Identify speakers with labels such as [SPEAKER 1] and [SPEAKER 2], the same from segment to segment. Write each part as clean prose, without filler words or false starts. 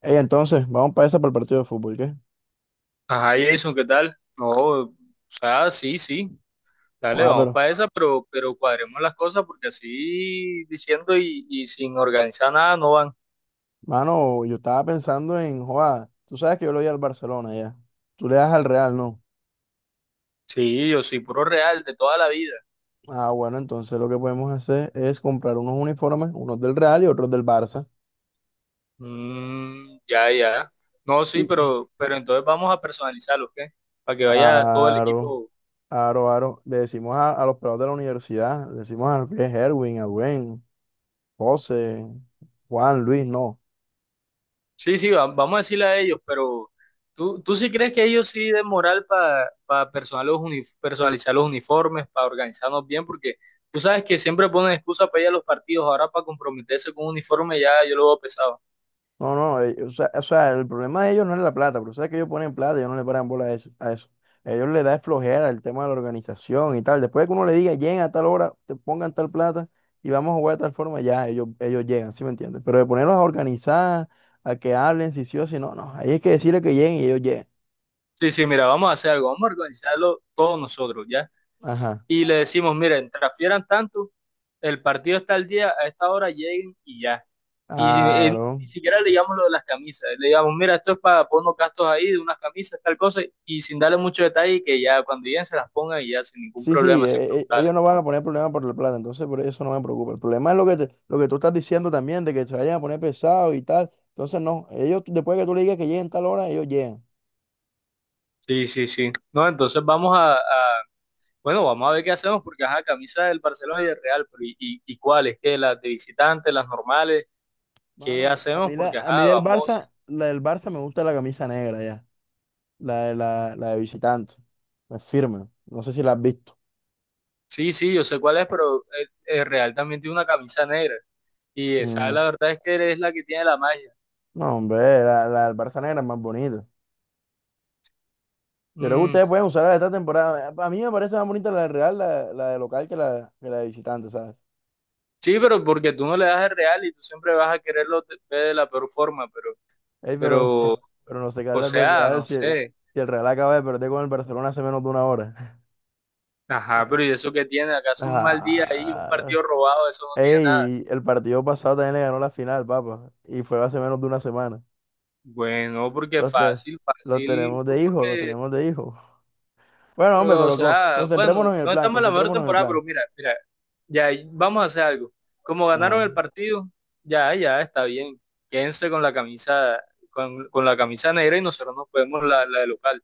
[SPEAKER 1] Ey, entonces, vamos para esa para el partido de fútbol, ¿qué?
[SPEAKER 2] Ajá, Jason, ¿qué tal? No, o sea, sí, sí, dale,
[SPEAKER 1] Ah,
[SPEAKER 2] vamos
[SPEAKER 1] pero,
[SPEAKER 2] para esa, pero cuadremos las cosas porque así diciendo y sin organizar nada no van.
[SPEAKER 1] mano, yo estaba pensando en, joa, tú sabes que yo le voy al Barcelona ya. Tú le das al Real, ¿no?
[SPEAKER 2] Sí, yo soy puro real de toda la vida.
[SPEAKER 1] Ah, bueno, entonces lo que podemos hacer es comprar unos uniformes, unos del Real y otros del Barça.
[SPEAKER 2] Mm, ya, ya. No, sí,
[SPEAKER 1] Y,
[SPEAKER 2] pero entonces vamos a personalizarlo, ¿qué? Para que vaya todo el
[SPEAKER 1] aro,
[SPEAKER 2] equipo.
[SPEAKER 1] aro, aro, le decimos a, los pelados de la universidad, le decimos a Herwin, a Gwen, José, Juan, Luis, no.
[SPEAKER 2] Sí, sí, vamos a decirle a ellos, pero ¿tú, tú sí crees que ellos sí den moral para personalizar los uniformes, para organizarnos bien? Porque tú sabes que siempre ponen excusa para ir a los partidos, ahora para comprometerse con un uniforme ya yo lo veo pesado.
[SPEAKER 1] No, no, o sea, el problema de ellos no es la plata, pero sabes que ellos ponen plata ellos no le paran bola a eso, a eso. A ellos les da es flojera el tema de la organización y tal. Después de que uno le diga, lleguen a tal hora, te pongan tal plata y vamos a jugar de tal forma, ya ellos llegan, ¿sí me entiendes? Pero de ponerlos a organizar, a que hablen, si sí o si no, no. Ahí es que decirle que lleguen y ellos llegan.
[SPEAKER 2] Sí, sí, mira, vamos a hacer algo, vamos a organizarlo todos nosotros, ¿ya?
[SPEAKER 1] Ajá.
[SPEAKER 2] Y le decimos, miren, transfieran tanto, el partido está al día, a esta hora lleguen y ya. Y
[SPEAKER 1] Claro.
[SPEAKER 2] ni siquiera le llamamos lo de las camisas. Le digamos, mira, esto es para poner unos gastos ahí de unas camisas, tal cosa, y sin darle mucho detalle, que ya cuando lleguen se las pongan y ya sin ningún
[SPEAKER 1] Sí, sí,
[SPEAKER 2] problema, sin preguntarle.
[SPEAKER 1] ellos no van a poner problema por la plata, entonces por eso no me preocupa. El problema es lo que tú estás diciendo también, de que se vayan a poner pesados y tal. Entonces, no, ellos, después que tú le digas que lleguen tal hora, ellos llegan.
[SPEAKER 2] Sí, sí, sí. No, entonces vamos bueno, vamos a ver qué hacemos, porque ajá, camisas del Barcelona y del Real, pero ¿y cuáles? ¿Qué? ¿Las de visitantes, las normales? ¿Qué
[SPEAKER 1] Mano,
[SPEAKER 2] hacemos? Porque
[SPEAKER 1] a mí
[SPEAKER 2] ajá,
[SPEAKER 1] del
[SPEAKER 2] vamos.
[SPEAKER 1] Barça, la del Barça me gusta la camisa negra ya, la de visitante, es firme, no sé si la has visto.
[SPEAKER 2] Sí, sí, yo sé cuál es, pero el Real también tiene una camisa negra. Y esa,
[SPEAKER 1] Mm.
[SPEAKER 2] la verdad es que es la que tiene la magia.
[SPEAKER 1] No, hombre, la del Barça negra es más bonita. Yo creo que
[SPEAKER 2] Mm.
[SPEAKER 1] ustedes pueden usar la de esta temporada. A mí me parece más bonita la del Real, la de local, que la de visitante, ¿sabes?
[SPEAKER 2] Sí, pero porque tú no le das el real y tú siempre vas a quererlo ver de la peor forma, pero,
[SPEAKER 1] Ey, pero,
[SPEAKER 2] pero,
[SPEAKER 1] pero, pero no se
[SPEAKER 2] o
[SPEAKER 1] las del
[SPEAKER 2] sea,
[SPEAKER 1] Real
[SPEAKER 2] no
[SPEAKER 1] si,
[SPEAKER 2] sé.
[SPEAKER 1] si el Real acaba de perder con el Barcelona hace menos de una hora.
[SPEAKER 2] Ajá, pero ¿y eso qué tiene? ¿Acaso un mal día ahí, un
[SPEAKER 1] Ah,
[SPEAKER 2] partido robado, eso no tiene nada?
[SPEAKER 1] ey, el partido pasado también le ganó la final, papá, y fue hace menos de una semana.
[SPEAKER 2] Bueno, porque
[SPEAKER 1] Los, te-
[SPEAKER 2] fácil,
[SPEAKER 1] los
[SPEAKER 2] fácil,
[SPEAKER 1] tenemos
[SPEAKER 2] pues,
[SPEAKER 1] de hijo, los
[SPEAKER 2] porque,
[SPEAKER 1] tenemos de hijo. Bueno, hombre,
[SPEAKER 2] o sea, bueno,
[SPEAKER 1] concentrémonos en el
[SPEAKER 2] no
[SPEAKER 1] plan,
[SPEAKER 2] estamos en la mejor
[SPEAKER 1] concentrémonos en el
[SPEAKER 2] temporada, pero
[SPEAKER 1] plan.
[SPEAKER 2] mira, ya vamos a hacer algo. Como ganaron
[SPEAKER 1] Ajá,
[SPEAKER 2] el partido, ya, ya está bien. Quédense con la camisa negra y nosotros nos podemos la de local.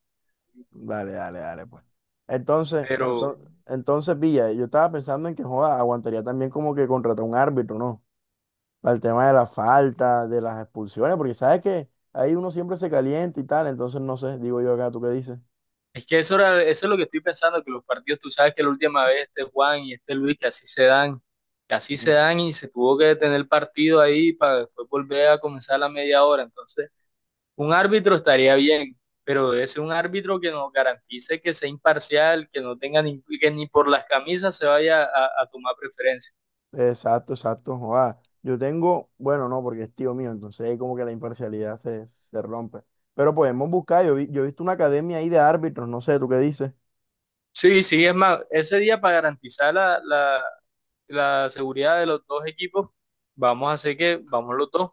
[SPEAKER 1] dale, dale, dale, pues. Entonces,
[SPEAKER 2] Pero,
[SPEAKER 1] entonces, entonces, Villa, yo estaba pensando en que, joda, aguantaría también como que contratar un árbitro, ¿no? Para el tema de la falta, de las expulsiones, porque sabes que ahí uno siempre se calienta y tal, entonces no sé, digo yo acá, ¿tú qué dices?
[SPEAKER 2] es que eso, eso es lo que estoy pensando, que los partidos, tú sabes que la última vez este Juan y este Luis, que así se dan, que así se
[SPEAKER 1] Mm.
[SPEAKER 2] dan y se tuvo que detener el partido ahí para después volver a comenzar la media hora. Entonces, un árbitro estaría bien, pero debe ser un árbitro que nos garantice que sea imparcial, que no tenga ni, que ni por las camisas se vaya a tomar preferencia.
[SPEAKER 1] Exacto, exacto, joda. Yo tengo, bueno, no, porque es tío mío, entonces ahí como que la imparcialidad se, se rompe. Pero podemos buscar, yo he visto una academia ahí de árbitros, no sé, ¿tú qué dices?
[SPEAKER 2] Sí, sí, es más, ese día para garantizar la seguridad de los dos equipos, vamos a hacer que vamos los dos.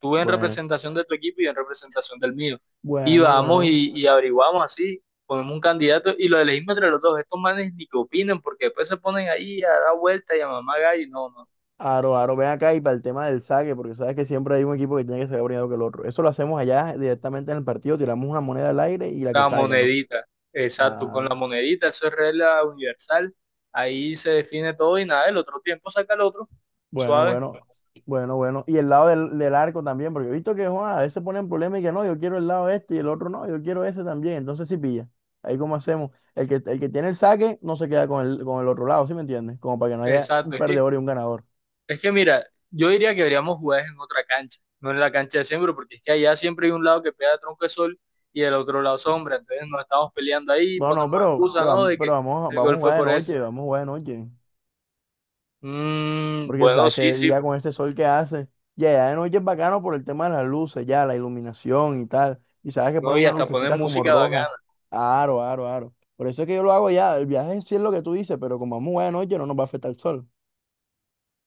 [SPEAKER 2] Tú en
[SPEAKER 1] Bueno,
[SPEAKER 2] representación de tu equipo y yo en representación del mío. Y
[SPEAKER 1] bueno,
[SPEAKER 2] vamos
[SPEAKER 1] bueno.
[SPEAKER 2] y averiguamos así, ponemos un candidato y lo elegimos entre los dos. Estos manes ni que opinen porque después se ponen ahí a dar vuelta y a mamá gallo. No, no.
[SPEAKER 1] Aro, Aro, ven acá y para el tema del saque, porque sabes que siempre hay un equipo que tiene que sacar primero que el otro. Eso lo hacemos allá directamente en el partido, tiramos una moneda al aire y la que
[SPEAKER 2] La
[SPEAKER 1] salga, ¿no?
[SPEAKER 2] monedita, exacto, con
[SPEAKER 1] Ah.
[SPEAKER 2] la monedita, eso es regla universal. Ahí se define todo y nada, el otro tiempo saca el otro.
[SPEAKER 1] Bueno,
[SPEAKER 2] Suave,
[SPEAKER 1] bueno, bueno, bueno. Y el lado del arco también, porque he visto que Juan, a veces ponen problemas y que no, yo quiero el lado este y el otro no, yo quiero ese también. Entonces sí pilla. Ahí cómo hacemos. El que tiene el saque no se queda con con el otro lado, ¿sí me entiendes? Como para que no haya un
[SPEAKER 2] exacto. Es que
[SPEAKER 1] perdedor y un ganador.
[SPEAKER 2] es que mira, yo diría que deberíamos jugar en otra cancha, no en la cancha de siempre, porque es que allá siempre hay un lado que pega tronco de sol y el otro lado sombra. Entonces nos estamos peleando ahí,
[SPEAKER 1] No, no,
[SPEAKER 2] ponemos
[SPEAKER 1] pero,
[SPEAKER 2] excusa,
[SPEAKER 1] pero,
[SPEAKER 2] ¿no?
[SPEAKER 1] vamos-
[SPEAKER 2] De
[SPEAKER 1] pero
[SPEAKER 2] que el
[SPEAKER 1] vamos a
[SPEAKER 2] gol fue
[SPEAKER 1] jugar de
[SPEAKER 2] por ese.
[SPEAKER 1] noche, vamos a jugar de noche.
[SPEAKER 2] Mm,
[SPEAKER 1] Porque
[SPEAKER 2] bueno,
[SPEAKER 1] sabes que
[SPEAKER 2] sí,
[SPEAKER 1] de
[SPEAKER 2] sí,
[SPEAKER 1] día
[SPEAKER 2] pero
[SPEAKER 1] con este sol que hace, ya, ya de noche es bacano por el tema de las luces, ya, la iluminación y tal. Y sabes que
[SPEAKER 2] no,
[SPEAKER 1] ponen
[SPEAKER 2] y
[SPEAKER 1] unas
[SPEAKER 2] hasta poner
[SPEAKER 1] lucecitas como
[SPEAKER 2] música
[SPEAKER 1] rojas.
[SPEAKER 2] bacana.
[SPEAKER 1] Aro, aro, aro. Por eso es que yo lo hago ya. El viaje sí es lo que tú dices, pero como vamos a de noche no nos va a afectar el sol.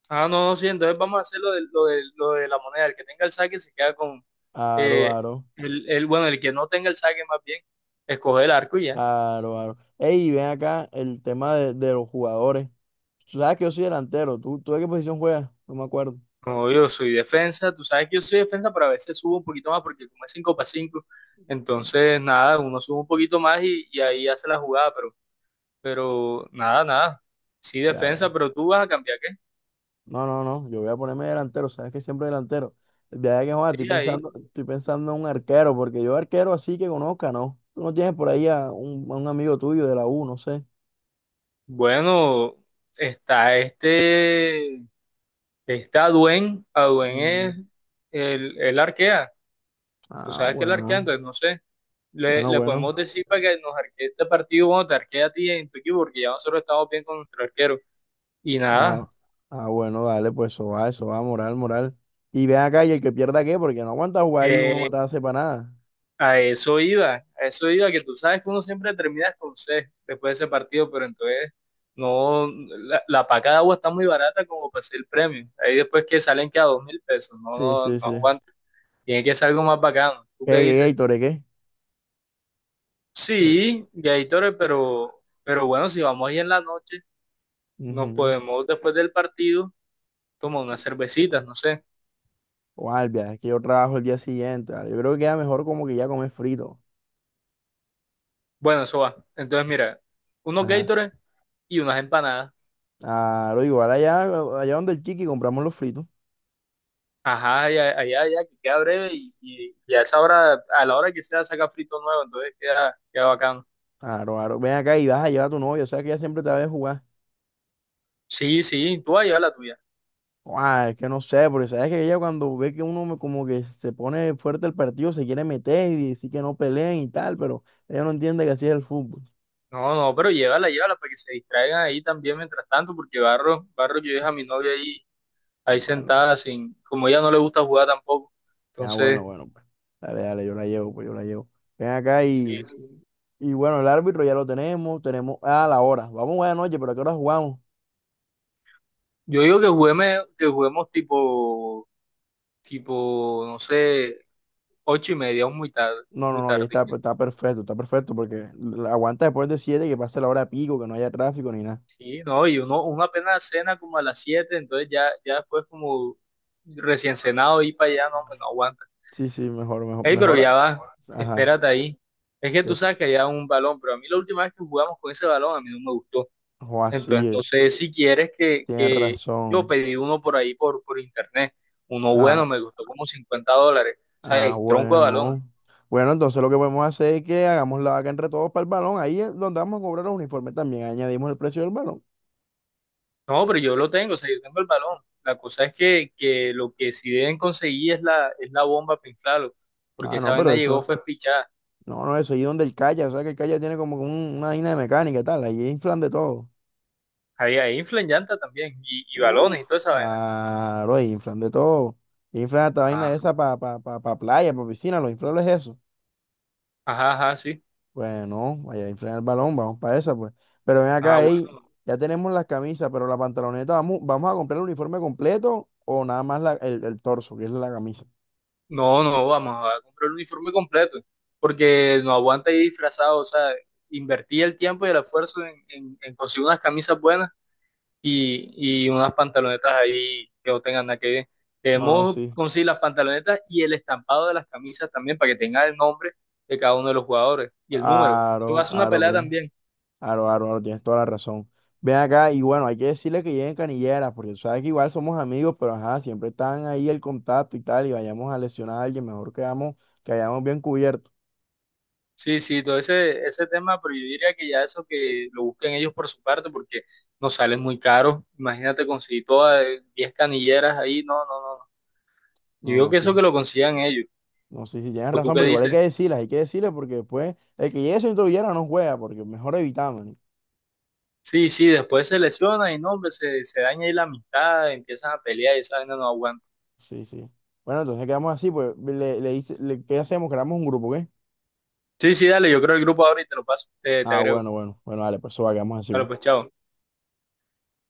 [SPEAKER 2] Ah, no, no, sí, entonces vamos a hacer lo de, lo de, lo de la moneda. El que tenga el saque se queda con
[SPEAKER 1] Aro,
[SPEAKER 2] eh,
[SPEAKER 1] aro,
[SPEAKER 2] bueno, el que no tenga el saque más bien, escoge el arco y ya.
[SPEAKER 1] aro, aro. Ey, ven acá el tema de los jugadores. Tú sabes que yo soy delantero. Tú de qué posición juegas? No me acuerdo.
[SPEAKER 2] No, yo soy defensa, tú sabes que yo soy defensa, pero a veces subo un poquito más porque como es 5 para 5 entonces nada, uno sube un poquito más y ahí hace la jugada, pero nada, nada. Sí,
[SPEAKER 1] Ya,
[SPEAKER 2] defensa,
[SPEAKER 1] vea.
[SPEAKER 2] pero tú vas a cambiar qué.
[SPEAKER 1] No, no, no, yo voy a ponerme delantero, sabes que siempre delantero. De ahí que joder,
[SPEAKER 2] Sí, ahí.
[SPEAKER 1] estoy pensando en un arquero, porque yo arquero así que conozca, ¿no? Tú no tienes por ahí a a un amigo tuyo de la U, no sé.
[SPEAKER 2] Bueno, está este, está Duen, a duen
[SPEAKER 1] Mm.
[SPEAKER 2] es el arquea, tú
[SPEAKER 1] Ah,
[SPEAKER 2] sabes que el arquea,
[SPEAKER 1] bueno,
[SPEAKER 2] entonces no sé, le,
[SPEAKER 1] bueno,
[SPEAKER 2] le
[SPEAKER 1] bueno.
[SPEAKER 2] podemos decir para que nos arquee este partido, bueno, te arquea a ti en tu equipo, porque ya nosotros estamos bien con nuestro arquero. Y nada.
[SPEAKER 1] Ah, ah, bueno, dale, pues eso va, moral, moral. Y ven acá y el que pierda qué, porque no aguanta jugar ahí uno
[SPEAKER 2] Eh,
[SPEAKER 1] matarse para nada.
[SPEAKER 2] A eso iba, que tú sabes que uno siempre termina con C después de ese partido, pero entonces no, la paca de agua está muy barata como para ser el premio. Ahí después que salen que a 2.000 pesos, no,
[SPEAKER 1] Sí,
[SPEAKER 2] no,
[SPEAKER 1] sí,
[SPEAKER 2] no
[SPEAKER 1] sí.
[SPEAKER 2] aguanta. Tiene que ser algo más bacano. ¿Tú
[SPEAKER 1] ¿Qué,
[SPEAKER 2] qué
[SPEAKER 1] qué, qué,
[SPEAKER 2] dices?
[SPEAKER 1] Tore, qué? Oye,
[SPEAKER 2] Sí, Gatorade, pero bueno, si vamos ahí en la noche, nos
[SPEAKER 1] ujú.
[SPEAKER 2] podemos después del partido tomar unas cervecitas, no sé.
[SPEAKER 1] Guardia, es que yo trabajo el día siguiente, ¿vale? Yo creo que queda mejor como que ya comer frito.
[SPEAKER 2] Bueno, eso va. Entonces, mira, unos
[SPEAKER 1] Ajá.
[SPEAKER 2] Gatorade y unas empanadas.
[SPEAKER 1] Claro, igual allá, allá donde el Chiqui compramos los fritos.
[SPEAKER 2] Ajá, ya allá, ya que queda breve y a esa hora, a la hora que sea, saca frito nuevo, entonces queda, queda bacano.
[SPEAKER 1] Claro, claro. Ven acá y vas a llevar a tu novia, o sea que ella siempre te va a ver jugar.
[SPEAKER 2] Sí, sí, tú vas a llevar la tuya.
[SPEAKER 1] Ah, es que no sé, porque sabes que ella cuando ve que como que se pone fuerte el partido, se quiere meter y decir que no peleen y tal, pero ella no entiende que así es el fútbol.
[SPEAKER 2] No, no, pero llévala, llévala para que se distraigan ahí también mientras tanto, porque Barro, Barro, yo dejo a mi novia ahí, ahí
[SPEAKER 1] Bueno,
[SPEAKER 2] sentada, sin, como ella no le gusta jugar tampoco.
[SPEAKER 1] ah, bueno,
[SPEAKER 2] Entonces,
[SPEAKER 1] bueno, pues. Dale, dale, yo la llevo, pues yo la llevo. Ven acá
[SPEAKER 2] sí, sí.
[SPEAKER 1] y bueno, el árbitro ya lo tenemos, tenemos, ah, la hora. Vamos buena noche, pero ¿a qué hora jugamos?
[SPEAKER 2] Yo digo que juguemos tipo, tipo, no sé, ocho y media, o muy tarde,
[SPEAKER 1] No, no,
[SPEAKER 2] muy
[SPEAKER 1] no, ahí
[SPEAKER 2] tarde.
[SPEAKER 1] está, está perfecto, porque aguanta después de las 7 que pase la hora pico, que no haya tráfico ni nada.
[SPEAKER 2] Sí, no, y uno, uno apenas cena como a las 7 entonces ya, ya después como recién cenado ir para allá, no, hombre, no aguanta.
[SPEAKER 1] Sí, sí, mejor, mejor,
[SPEAKER 2] Ey, pero
[SPEAKER 1] mejor.
[SPEAKER 2] ya va,
[SPEAKER 1] Ajá,
[SPEAKER 2] espérate ahí. Es que
[SPEAKER 1] que
[SPEAKER 2] tú
[SPEAKER 1] f-
[SPEAKER 2] sabes que allá un balón, pero a mí la última vez que jugamos con ese balón a mí no me gustó.
[SPEAKER 1] o así,
[SPEAKER 2] Entonces, no
[SPEAKER 1] es,
[SPEAKER 2] sé si quieres
[SPEAKER 1] tienes
[SPEAKER 2] que yo
[SPEAKER 1] razón.
[SPEAKER 2] pedí uno por ahí por internet. Uno
[SPEAKER 1] Ah,
[SPEAKER 2] bueno, me costó como $50. O sea,
[SPEAKER 1] ah,
[SPEAKER 2] es tronco de balón.
[SPEAKER 1] bueno. Bueno, entonces lo que podemos hacer es que hagamos la vaca entre todos para el balón. Ahí es donde vamos a cobrar los uniformes también. Añadimos el precio del balón.
[SPEAKER 2] No, pero yo lo tengo, o sea, yo tengo el balón. La cosa es que lo que sí deben conseguir es es la bomba para inflarlo, porque
[SPEAKER 1] Ah, no,
[SPEAKER 2] esa
[SPEAKER 1] pero
[SPEAKER 2] vaina llegó
[SPEAKER 1] eso,
[SPEAKER 2] fue pichada.
[SPEAKER 1] no, no, eso ahí donde el calla, o sea que el calla tiene como una vaina de mecánica y tal, ahí inflan de todo.
[SPEAKER 2] Ahí, ahí inflan llanta también, y balones y
[SPEAKER 1] Uf,
[SPEAKER 2] toda esa vaina.
[SPEAKER 1] ah, lo inflan de todo. Inflan hasta
[SPEAKER 2] Ah,
[SPEAKER 1] vaina esa para pa playa, para piscina, lo inflan es eso.
[SPEAKER 2] ajá, ajá, sí.
[SPEAKER 1] Pues no, vaya a inflar el balón, vamos para esa, pues. Pero ven
[SPEAKER 2] Ah,
[SPEAKER 1] acá, ey,
[SPEAKER 2] bueno.
[SPEAKER 1] ya tenemos las camisas, pero la pantaloneta, vamos a comprar el uniforme completo o nada más el torso, que es la camisa?
[SPEAKER 2] No, no, vamos a comprar el uniforme completo, porque no aguanta ir disfrazado, o sea, invertí el tiempo y el esfuerzo en conseguir unas camisas buenas y unas pantalonetas ahí que no tengan nada que ver.
[SPEAKER 1] No, no,
[SPEAKER 2] Debemos
[SPEAKER 1] sí.
[SPEAKER 2] conseguir las pantalonetas y el estampado de las camisas también para que tenga el nombre de cada uno de los jugadores y el número. Eso va a
[SPEAKER 1] Aro,
[SPEAKER 2] ser una
[SPEAKER 1] aro,
[SPEAKER 2] pelea
[SPEAKER 1] Pri.
[SPEAKER 2] también.
[SPEAKER 1] Aro, aro, aro, tienes toda la razón. Ven acá y bueno, hay que decirle que lleguen canilleras, porque tú sabes que igual somos amigos, pero ajá, siempre están ahí el contacto y tal, y vayamos a lesionar a alguien, mejor quedamos, que hayamos bien cubierto.
[SPEAKER 2] Sí, sí, todo ese, ese tema, pero yo diría que ya eso que lo busquen ellos por su parte porque nos salen muy caros. Imagínate conseguir todas 10 canilleras ahí, no, no, no. No. Yo
[SPEAKER 1] No,
[SPEAKER 2] digo
[SPEAKER 1] no,
[SPEAKER 2] que
[SPEAKER 1] sí,
[SPEAKER 2] eso que lo consigan ellos.
[SPEAKER 1] no, sí, sí, tienes
[SPEAKER 2] ¿O tú
[SPEAKER 1] razón,
[SPEAKER 2] qué
[SPEAKER 1] pero igual hay que
[SPEAKER 2] dices?
[SPEAKER 1] decirlas, hay que decirles, porque después el que llegue sin tobillera no juega, porque mejor evitamos. ¿No?
[SPEAKER 2] Sí, sí, después se lesiona y no, hombre, se daña ahí la amistad, empiezan a pelear y esa vaina no aguanta.
[SPEAKER 1] Sí, sí. Bueno, entonces quedamos así, pues, ¿qué hacemos? Creamos un grupo, ¿qué?
[SPEAKER 2] Sí, sí, dale, yo creo el grupo ahora y te lo paso, te
[SPEAKER 1] Ah,
[SPEAKER 2] agrego.
[SPEAKER 1] bueno, bueno, bueno, dale, pues eso va, quedamos así,
[SPEAKER 2] Dale,
[SPEAKER 1] pues.
[SPEAKER 2] pues, chao.